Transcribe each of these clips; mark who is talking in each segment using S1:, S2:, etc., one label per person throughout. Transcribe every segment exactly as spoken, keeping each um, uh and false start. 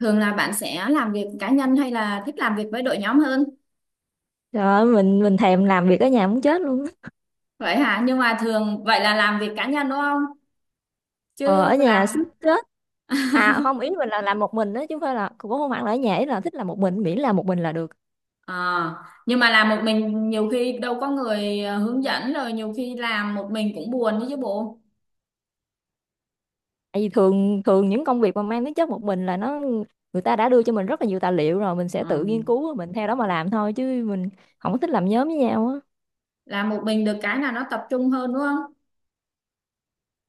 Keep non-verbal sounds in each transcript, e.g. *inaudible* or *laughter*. S1: Thường là bạn sẽ làm việc cá nhân hay là thích làm việc với đội nhóm hơn?
S2: Trời ơi, mình mình thèm làm việc ở nhà muốn chết luôn á.
S1: Vậy hả? Nhưng mà thường vậy là làm việc cá nhân đúng không?
S2: Ờ, ở
S1: Chứ
S2: nhà
S1: làm
S2: sức chết.
S1: *laughs*
S2: À không, ý mình là làm một mình đó, chứ không phải là, cũng không hẳn là ở nhà, ý là thích làm một mình, miễn là một mình là được.
S1: Ờ, nhưng mà làm một mình nhiều khi đâu có người ờ, hướng dẫn rồi nhiều khi làm một mình cũng buồn đấy chứ bộ.
S2: Tại vì thường thường những công việc mà mang tính chất một mình là nó, người ta đã đưa cho mình rất là nhiều tài liệu rồi, mình sẽ tự
S1: Ừ.
S2: nghiên cứu, mình theo đó mà làm thôi, chứ mình không có thích làm nhóm với nhau á.
S1: Làm một mình được cái là nó tập trung hơn đúng không?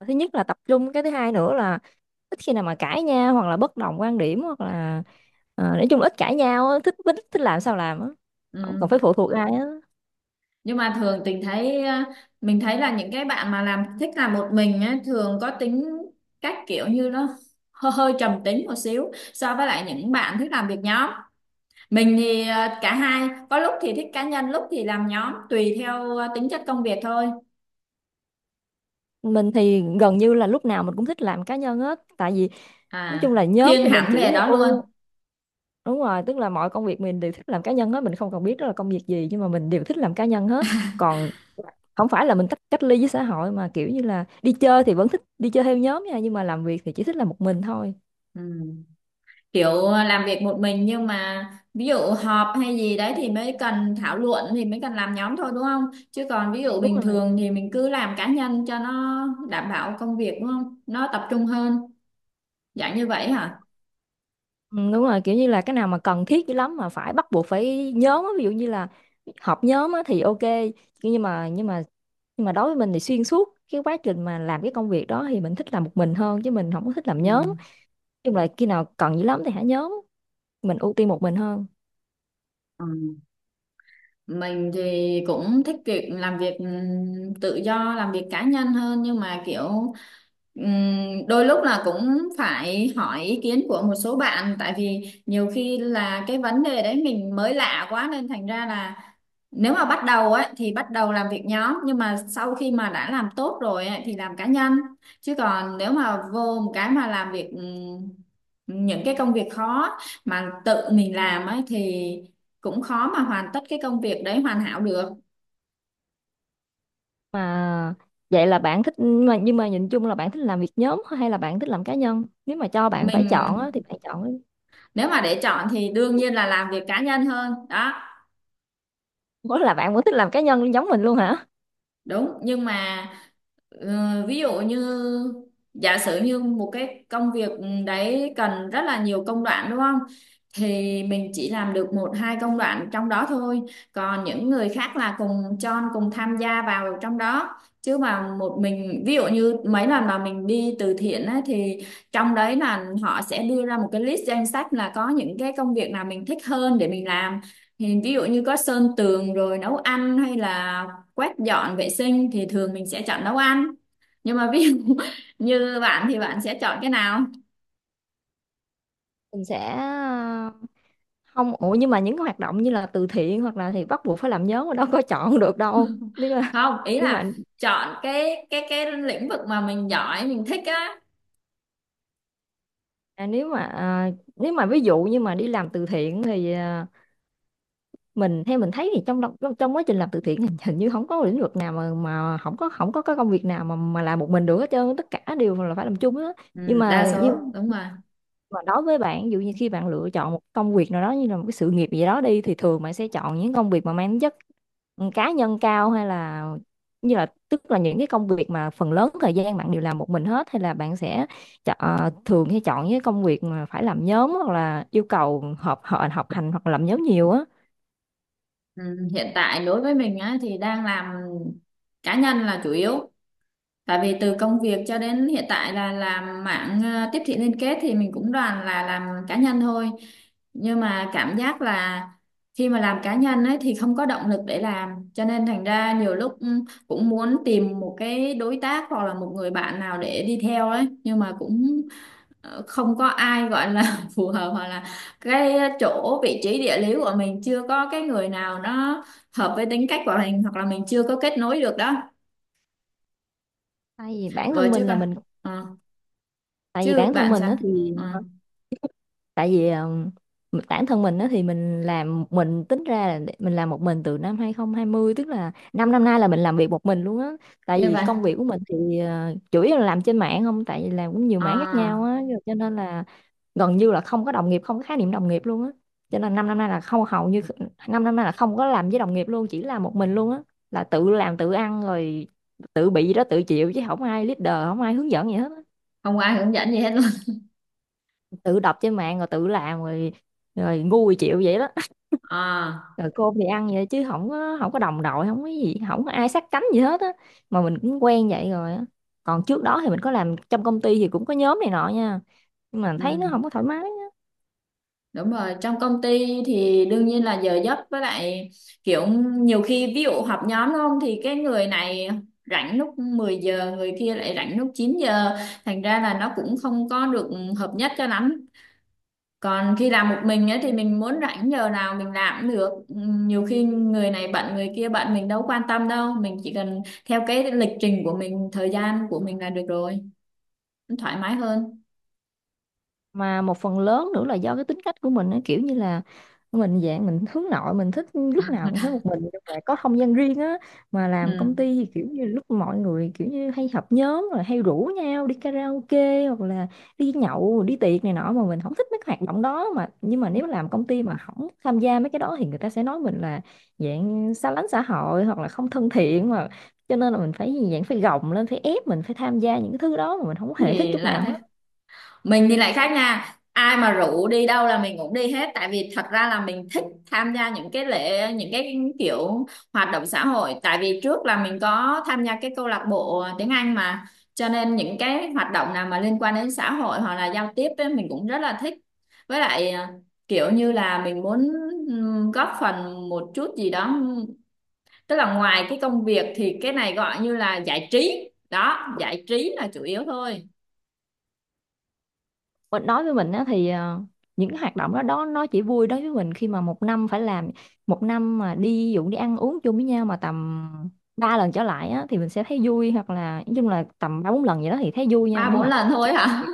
S2: Thứ nhất là tập trung, cái thứ hai nữa là ít khi nào mà cãi nhau hoặc là bất đồng quan điểm hoặc là, ờ, nói chung là ít cãi nhau á, thích thích thích làm sao làm á. Không
S1: Ừ.
S2: cần phải phụ thuộc ai á.
S1: Nhưng mà thường tình thấy ờ, mình thấy là những cái bạn mà làm thích làm một mình á, thường có tính cách kiểu như nó hơi, hơi trầm tính một xíu so với lại những bạn thích làm việc nhóm. Mình thì ờ, cả hai, có lúc thì thích cá nhân, lúc thì làm nhóm, tùy theo ờ, tính chất công việc thôi.
S2: Mình thì gần như là lúc nào mình cũng thích làm cá nhân hết, tại vì nói
S1: À,
S2: chung là nhóm
S1: thiên
S2: thì mình
S1: hẳn về
S2: chỉ
S1: đó luôn.
S2: ô đúng rồi, tức là mọi công việc mình đều thích làm cá nhân hết, mình không cần biết đó là công việc gì, nhưng mà mình đều thích làm cá nhân hết. Còn không phải là mình tách, cách ly với xã hội, mà kiểu như là đi chơi thì vẫn thích đi chơi theo nhóm nha, nhưng mà làm việc thì chỉ thích làm một mình thôi.
S1: Ừ. Kiểu ờ, làm việc một mình nhưng mà ví dụ họp hay gì đấy thì mới cần thảo luận thì mới cần làm nhóm thôi đúng không? Chứ còn ví dụ
S2: Đúng
S1: bình
S2: rồi.
S1: thường thì mình cứ làm cá nhân cho nó đảm bảo công việc đúng không? Nó tập trung hơn, dạng như vậy hả?
S2: Ừ, đúng rồi, kiểu như là cái nào mà cần thiết dữ lắm mà phải bắt buộc phải nhóm á, ví dụ như là họp nhóm á, thì ok. Nhưng mà nhưng mà nhưng mà đối với mình thì xuyên suốt cái quá trình mà làm cái công việc đó thì mình thích làm một mình hơn, chứ mình không có thích làm nhóm. Nói
S1: Ừ.
S2: chung là khi nào cần dữ lắm thì hả nhóm, mình ưu tiên một mình hơn.
S1: Ừ. Mình thì cũng thích việc làm việc ừm, tự do, làm việc cá nhân hơn nhưng mà kiểu ừm, đôi lúc là cũng phải hỏi ý kiến của một số bạn tại vì nhiều khi là cái vấn đề đấy mình mới lạ quá nên thành ra là nếu mà bắt đầu ấy thì bắt đầu làm việc nhóm nhưng mà sau khi mà đã làm tốt rồi ấy, thì làm cá nhân chứ còn nếu mà vô một cái mà làm việc ừm, những cái công việc khó mà tự mình làm ấy thì cũng khó mà hoàn tất cái công việc đấy hoàn hảo được.
S2: Mà vậy là bạn thích, mà nhưng mà nhìn chung là bạn thích làm việc nhóm hay là bạn thích làm cá nhân, nếu mà cho bạn phải
S1: Mình
S2: chọn á, thì bạn chọn?
S1: nếu mà để chọn thì đương nhiên là làm việc cá nhân hơn đó.
S2: *laughs* Có là bạn vẫn thích làm cá nhân giống mình luôn hả?
S1: Đúng nhưng mà Ờ, ví dụ như giả sử như một cái công việc đấy cần rất là nhiều công đoạn đúng không? Thì mình chỉ làm được một hai công đoạn trong đó thôi. Còn những người khác là cùng chon cùng tham gia vào trong đó. Chứ mà một mình ví dụ như mấy lần mà mình đi từ thiện á, thì trong đấy là họ sẽ đưa ra một cái list danh sách là có những cái công việc nào mình thích hơn để mình làm. Thì ví dụ như có sơn tường rồi nấu ăn hay là quét dọn vệ sinh thì thường mình sẽ chọn nấu ăn nhưng mà ví dụ *laughs* như bạn thì bạn sẽ chọn cái nào?
S2: Mình sẽ, ờ, không, ủa nhưng mà những cái hoạt động như là từ thiện hoặc là thì bắt buộc phải làm nhóm mà đâu có *laughs* chọn được đâu.
S1: *laughs*
S2: Nên là,
S1: Không ý
S2: nhưng mà,
S1: là chọn cái cái cái lĩnh vực mà mình giỏi mình thích á.
S2: à, nếu mà, à, nếu mà ví dụ như mà đi làm từ thiện thì, à, mình, theo mình thấy thì trong đồng- trong trong quá trình làm từ thiện hình hình như không có lĩnh vực nào mà mà không có không có cái công việc nào mà mà làm một mình được hết trơn, tất cả đều là phải làm chung á.
S1: Ừ,
S2: nhưng
S1: đa
S2: mà nhưng
S1: số đúng rồi.
S2: mà đối với bạn, ví dụ như khi bạn lựa chọn một công việc nào đó như là một cái sự nghiệp gì đó đi, thì thường bạn sẽ chọn những công việc mà mang tính chất, ừ, cá nhân cao, hay là như là, tức là những cái công việc mà phần lớn thời gian bạn đều làm một mình hết, hay là bạn sẽ chọn, thường hay chọn những cái công việc mà phải làm nhóm hoặc là yêu cầu họp họp học hành hoặc là làm nhóm nhiều á?
S1: Ừ, hiện tại đối với mình á thì đang làm cá nhân là chủ yếu. Tại vì từ công việc cho đến hiện tại là làm mạng ờ, tiếp thị liên kết thì mình cũng đoàn là làm cá nhân thôi. Nhưng mà cảm giác là khi mà làm cá nhân ấy thì không có động lực để làm. Cho nên thành ra nhiều lúc ừ, cũng muốn tìm một cái đối tác hoặc là một người bạn nào để đi theo ấy. Nhưng mà cũng ờ, không có ai gọi là *laughs* phù hợp hoặc là cái chỗ vị trí địa lý của mình chưa có cái người nào nó hợp với tính cách của mình hoặc là mình chưa có kết nối được đó.
S2: tại vì bản
S1: Rồi
S2: thân
S1: chứ
S2: mình là
S1: còn.
S2: mình
S1: Ờ.
S2: Tại vì
S1: Chứ
S2: bản thân
S1: bạn
S2: mình
S1: sao.
S2: á thì,
S1: Ừ.
S2: tại vì ừm, bản thân mình á thì mình làm, mình tính ra là để- mình làm một mình từ năm hai không hai không, tức là 5 năm nay là mình làm việc một mình luôn á. Tại
S1: Như
S2: vì
S1: vậy
S2: công việc của mình thì, ờ, chủ yếu là làm trên mạng không, tại vì làm cũng nhiều mảng khác nhau
S1: à,
S2: á, rồi cho nên là gần như là không có đồng nghiệp, không có khái niệm đồng nghiệp luôn á. Cho nên 5 năm nay là không, hầu như 5 năm nay là không có làm với đồng nghiệp luôn, chỉ làm một mình luôn á. Là tự làm tự ăn rồi, tự bị gì đó tự chịu, chứ không ai leader, không ai hướng dẫn gì hết á.
S1: không có ai hướng dẫn gì hết luôn
S2: Tự đọc trên mạng rồi tự làm rồi, rồi ngu chịu vậy đó.
S1: à.
S2: Rồi cơm thì ăn vậy, chứ không có, không có đồng đội, không có gì, không có ai sát cánh gì hết á. Mà mình cũng quen vậy rồi á. Còn trước đó thì mình có làm trong công ty thì cũng có nhóm này nọ nha, nhưng mà thấy nó
S1: Ừ.
S2: không có thoải mái.
S1: Đúng rồi, trong công ty thì đương nhiên là giờ giấc với lại kiểu nhiều khi ví dụ họp nhóm đúng không thì cái người này rảnh lúc mười giờ người kia lại rảnh lúc chín giờ, thành ra là nó cũng không có được hợp nhất cho lắm. Còn khi làm một mình ấy thì mình muốn rảnh giờ nào mình làm cũng được. Ừ, nhiều khi người này bận người kia bận mình đâu quan tâm đâu, mình chỉ cần theo cái lịch trình của mình thời gian của mình là được rồi, thoải mái hơn.
S2: Mà một phần lớn nữa là do cái tính cách của mình á, kiểu như là mình dạng mình hướng nội, mình thích lúc nào cũng phải một mình, nhưng mà có không gian riêng á. Mà làm công
S1: Ừ.
S2: ty thì kiểu như lúc mọi người kiểu như hay họp nhóm rồi hay rủ nhau đi karaoke hoặc là đi nhậu đi tiệc này nọ, mà mình không thích mấy cái hoạt động đó. Mà nhưng mà nếu làm công ty mà không tham gia mấy cái đó thì người ta sẽ nói mình là dạng xa lánh xã hội hoặc là không thân thiện. Mà cho nên là mình phải dạng phải gồng lên phải ép mình phải tham gia những cái thứ đó mà mình không
S1: Cái
S2: hề thích
S1: gì
S2: chút
S1: lạ
S2: nào
S1: thế.
S2: hết.
S1: Mình thì lại khác nha, ai mà rủ đi đâu là mình cũng đi hết tại vì thật ra là mình thích tham gia những cái lễ những cái kiểu hoạt động xã hội, tại vì trước là mình có tham gia cái câu lạc bộ tiếng Anh mà, cho nên những cái hoạt động nào mà liên quan đến xã hội hoặc là giao tiếp ấy, mình cũng rất là thích. Với lại à, kiểu như là mình muốn ừm, góp phần một chút gì đó, tức là ngoài cái công việc thì cái này gọi như là giải trí đó, giải trí là chủ yếu thôi.
S2: Mình nói với mình á, thì, ờ, những cái hoạt động đó đó nó chỉ vui đối với mình khi mà một năm phải làm, một năm mà đi ví dụ đi ăn uống chung với nhau mà tầm ba lần trở lại á, thì mình sẽ thấy vui, hoặc là nói chung là tầm ba bốn lần vậy đó thì thấy vui nha.
S1: Ba
S2: Nhưng
S1: bốn
S2: mà
S1: lần
S2: chứ
S1: thôi hả?
S2: cái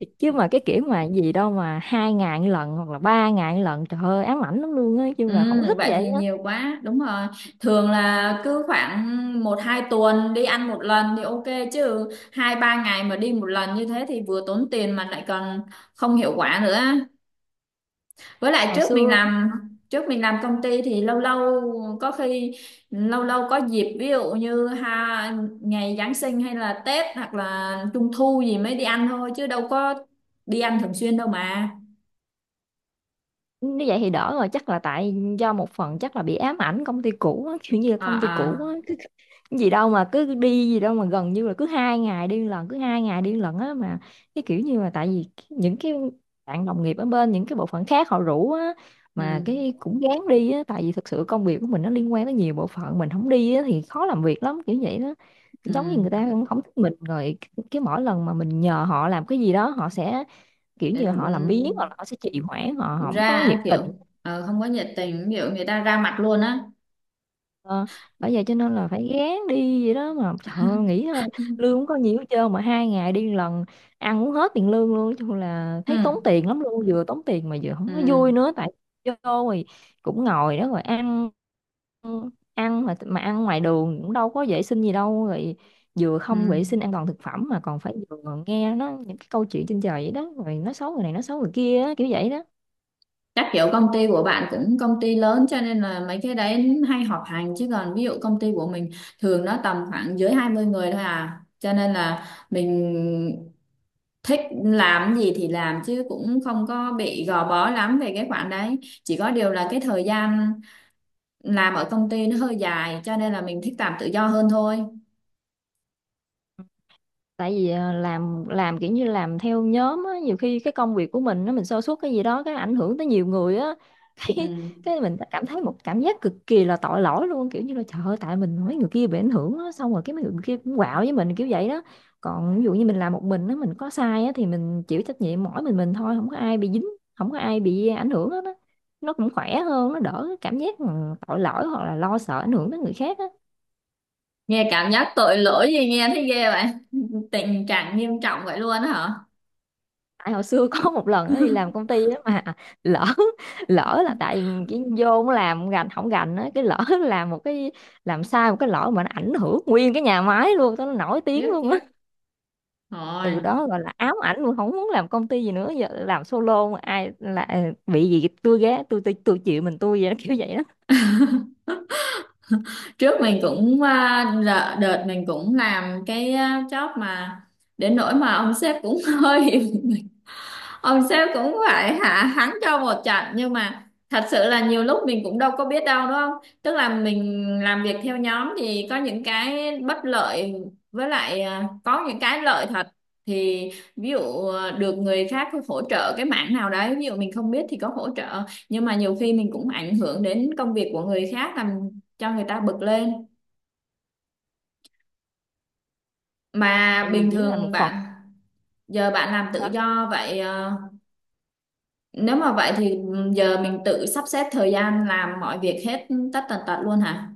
S2: kiểu- chứ mà cái kiểu mà gì đâu mà hai ngày một lần hoặc là ba ngày một lần, trời ơi ám ảnh lắm luôn á,
S1: *laughs*
S2: chứ
S1: Ừ,
S2: là không thích
S1: vậy
S2: vậy
S1: thì
S2: á.
S1: nhiều quá đúng rồi. Thường là cứ khoảng một hai tuần đi ăn một lần thì ok, chứ hai ba ngày mà đi một lần như thế thì vừa tốn tiền mà lại còn không hiệu quả nữa. Với lại
S2: Hồi
S1: trước mình
S2: xưa.
S1: làm, trước mình làm công ty thì lâu lâu có khi lâu lâu có dịp ví dụ như ha ngày Giáng sinh hay là Tết hoặc là Trung thu gì mới đi ăn thôi chứ đâu có đi ăn thường xuyên đâu mà.
S2: Nếu vậy thì đỡ rồi, chắc là tại do một phần chắc là bị ám ảnh công ty cũ á, kiểu như là
S1: À
S2: công ty cũ á,
S1: à.
S2: cứ cái gì đâu mà cứ đi gì đâu mà gần như là cứ hai ngày đi lần, cứ hai ngày đi lần á. Mà cái kiểu như là tại vì những cái bạn đồng nghiệp ở bên những cái bộ phận khác họ rủ á, mà
S1: Ừ.
S2: cái cũng gán đi á, tại vì thực sự công việc của mình nó liên quan tới nhiều bộ phận, mình không đi á thì khó làm việc lắm, kiểu vậy đó.
S1: Ừ,
S2: Giống như người ta không thích mình rồi, cái mỗi lần mà mình nhờ họ làm cái gì đó họ sẽ kiểu
S1: ừ.
S2: như họ làm biếng hoặc
S1: Ừ.
S2: là họ sẽ trì hoãn, họ không có nhiệt
S1: Ra
S2: tình.
S1: kiểu ờ, không có nhiệt tình, ví dụ người ta ra mặt luôn á.
S2: ờ, Bởi vậy cho nên là phải gán đi vậy đó, mà trời ơi, nghĩ thôi, lương không có nhiều hết trơn mà hai ngày đi lần ăn uống hết tiền lương luôn. Nói chung là thấy tốn
S1: Ừ.
S2: tiền lắm luôn, vừa tốn tiền mà vừa
S1: Ừ.
S2: không có vui nữa, tại vô rồi cũng ngồi đó rồi ăn ăn mà mà ăn ngoài đường cũng đâu có vệ sinh gì đâu, rồi vừa
S1: Ừ.
S2: không vệ sinh an toàn thực phẩm mà còn phải vừa nghe nó những cái câu chuyện trên trời vậy đó, rồi nó xấu người này nó xấu người kia á, kiểu vậy đó.
S1: Chắc kiểu công ty của bạn cũng công ty lớn cho nên là mấy cái đấy hay họp hành, chứ còn ví dụ công ty của mình thường nó tầm khoảng dưới hai mươi người thôi à. Cho nên là mình thích làm gì thì làm chứ cũng không có bị gò bó lắm về cái khoản đấy. Chỉ có điều là cái thời gian làm ở công ty nó hơi dài cho nên là mình thích làm tự do hơn thôi.
S2: Tại vì, à, làm làm kiểu như làm theo nhóm á, nhiều khi cái công việc của mình nó, mình sa sút cái gì đó cái ảnh hưởng tới nhiều người á *laughs* cái
S1: Ừ.
S2: cái mình cảm thấy một cảm giác cực kỳ là tội lỗi luôn, kiểu như là trời ơi, tại mình mấy người kia bị ảnh hưởng á, xong rồi cái mấy người kia cũng quạo với mình kiểu vậy đó. Còn ví dụ như mình làm một mình á, mình có sai á thì mình chịu trách nhiệm mỗi mình mình thôi, không có ai bị dính, không có ai bị ảnh hưởng hết á. Nó cũng khỏe hơn, nó đỡ cái cảm giác mà tội lỗi hoặc là lo sợ ảnh hưởng tới người khác á.
S1: Nghe cảm giác tội lỗi gì nghe thấy ghê vậy. Tình trạng nghiêm trọng vậy luôn á hả?
S2: Tại hồi xưa *laughs* có một lần nó đi làm công ty á, mà lỡ lỡ là tại cái vô nó làm gành không gành á, cái lỡ *laughs* làm một cái, làm sai một cái lỗi mà nó ảnh hưởng nguyên cái nhà máy luôn, tao nó nổi tiếng
S1: Tiếc
S2: luôn
S1: tiếc.
S2: á. Từ
S1: Rồi,
S2: đó gọi là ám ảnh luôn không muốn làm công ty gì nữa, giờ làm solo, mà ai là bị gì tôi ghé tôi, tôi tôi chịu mình tôi vậy đó, kiểu vậy đó.
S1: trước mình cũng à, đợ- đợt mình cũng làm cái à, job mà đến nỗi mà ông sếp cũng *laughs* hơi ông sếp cũng phải hạ hắn cho một trận, nhưng mà thật sự là nhiều lúc mình cũng đâu có biết đâu đúng không. Tức là mình làm việc theo nhóm thì có những cái bất lợi với lại à, có những cái lợi thật. Thì ví dụ à, được người khác hỗ trợ cái mảng nào đấy, ví dụ mình không biết thì có hỗ trợ, nhưng mà nhiều khi mình cũng ảnh hưởng đến công việc của người khác làm cho người ta bực lên. Mà
S2: Tại vì
S1: bình
S2: chỉ là
S1: thường
S2: một phần.
S1: bạn giờ bạn làm tự
S2: Hả?
S1: do vậy ờ, nếu mà vậy thì ừ, giờ mình tự sắp xếp thời gian làm mọi việc hết tất tần tật luôn hả?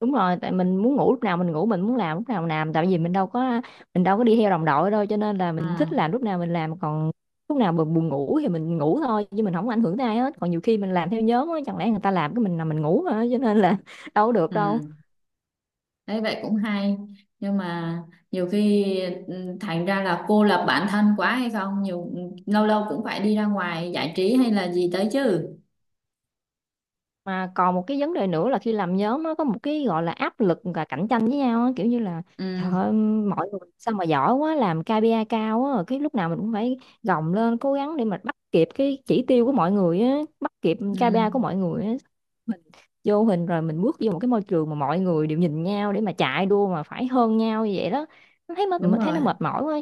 S2: Đúng rồi, tại mình muốn ngủ lúc nào mình ngủ, mình muốn làm lúc nào mình làm, tại vì mình đâu có mình đâu có đi theo đồng đội đâu, cho nên là mình thích
S1: Ừ,
S2: làm lúc nào mình làm. Còn lúc nào mà buồn ngủ thì mình ngủ thôi, chứ mình không có ảnh hưởng tới ai hết. Còn nhiều khi mình làm theo nhóm á, chẳng lẽ người ta làm cái mình là mình ngủ hả, cho nên là *laughs* đâu có được đâu.
S1: ừ. Đấy vậy cũng hay. Nhưng mà nhiều khi ừ, thành ra là cô lập bản thân quá hay không? Nhiều ừ, lâu lâu cũng phải đi ra ngoài giải trí hay là gì tới chứ.
S2: Mà còn một cái vấn đề nữa là khi làm nhóm nó có một cái gọi là áp lực và cạnh tranh với nhau á, kiểu như là
S1: Ừ,
S2: trời ơi, mọi người sao mà giỏi quá làm ca pê i cao á, cái lúc nào mình cũng phải gồng lên cố gắng để mà bắt kịp cái chỉ tiêu của mọi người á, bắt kịp
S1: ừ.
S2: ca pê i của mọi người á. Mình vô hình rồi, mình bước vô một cái môi trường mà mọi người đều nhìn nhau để mà chạy đua mà phải hơn nhau như vậy đó. Nó thấy mệt,
S1: Đúng
S2: mình thấy
S1: rồi,
S2: nó mệt mỏi quá.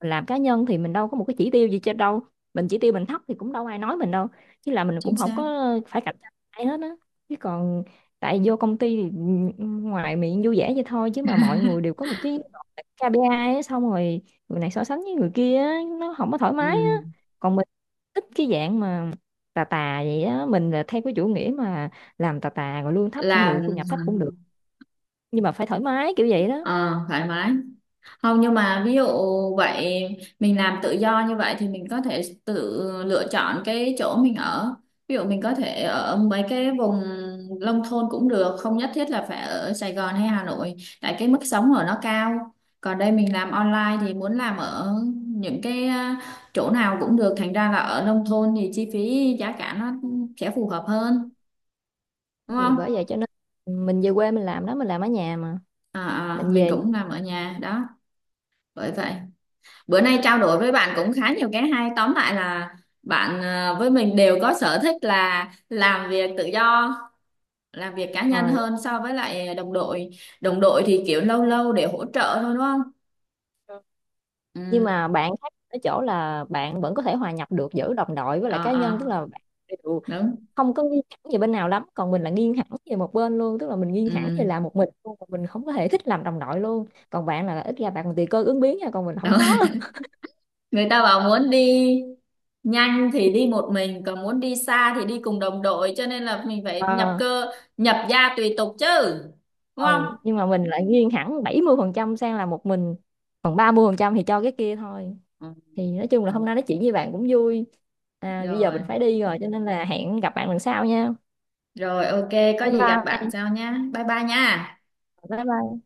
S2: Mình làm cá nhân thì mình đâu có một cái chỉ tiêu gì trên đâu, mình chỉ tiêu mình thấp thì cũng đâu ai nói mình đâu, chứ là mình
S1: chính
S2: cũng không
S1: xác.
S2: có phải cạnh tranh ai hết á. Chứ còn tại vô công ty thì, ừ, ngoài miệng vui vẻ vậy thôi, chứ mà mọi người đều có một cái kây pi ai á, xong rồi người này so sánh với người kia á, nó không có thoải mái
S1: Ừ.
S2: á. Còn mình thích cái dạng mà tà tà vậy á, mình là theo cái chủ nghĩa mà làm tà tà rồi lương thấp cũng được, thu
S1: Làm
S2: nhập thấp cũng được, nhưng mà phải thoải mái kiểu vậy đó.
S1: ờ, thoải mái. Không nhưng mà ví dụ vậy mình làm tự do như vậy thì mình có thể tự lựa chọn cái chỗ mình ở. Ví dụ mình có thể ở mấy cái vùng nông thôn cũng được, không nhất thiết là phải ở Sài Gòn hay Hà Nội, tại cái mức sống ở nó cao. Còn đây mình làm online thì muốn làm ở những cái à, chỗ nào cũng được, thành ra là ở nông thôn thì chi phí giá cả nó sẽ phù hợp hơn, đúng
S2: Thì
S1: không?
S2: bởi vậy cho nên mình về quê mình làm đó, mình làm ở nhà mà,
S1: À, à,
S2: mình
S1: mình
S2: về.
S1: cũng làm ở nhà đó, bởi vậy. Bữa nay trao đổi với bạn cũng khá nhiều cái hay, tóm lại là bạn ờ, với mình đều có sở thích là làm việc tự do làm việc cá nhân
S2: Rồi.
S1: hơn so với lại đồng đội. Đồng đội thì kiểu lâu lâu để hỗ trợ thôi đúng không.
S2: Nhưng
S1: Ừ.
S2: mà bạn khác ở chỗ là bạn vẫn có thể hòa nhập được giữa đồng đội với lại
S1: Ờ.
S2: cá nhân, tức
S1: Ờ.
S2: là bạn đều
S1: Đúng.
S2: không có nghiêng hẳn về bên nào lắm, còn mình là nghiêng hẳn về một bên luôn, tức là mình nghiêng hẳn về
S1: Ừ.
S2: làm một mình luôn, còn mình không có thể thích làm đồng đội luôn, còn bạn là ít ra bạn còn tùy cơ ứng biến nha, còn mình không
S1: Đúng.
S2: có *laughs*
S1: *laughs* Người ta bảo muốn đi nhanh thì đi một mình còn muốn đi xa thì đi cùng đồng đội, cho nên là mình phải nhập
S2: Ờ,
S1: cơ nhập gia tùy tục chứ, đúng
S2: ờ,
S1: không?
S2: nhưng mà mình lại nghiêng hẳn bảy mươi phần trăm sang là một mình, còn ba mươi phần trăm thì cho cái kia thôi.
S1: Ừ,
S2: Thì nói chung là hôm nay nói chuyện với bạn cũng vui. À, bây giờ
S1: rồi.
S2: mình phải đi rồi cho nên là hẹn gặp bạn lần sau nha.
S1: Rồi, ok, có
S2: Bye
S1: gì gặp bạn
S2: bye.
S1: sau nha, bye bye nha.
S2: Bye bye.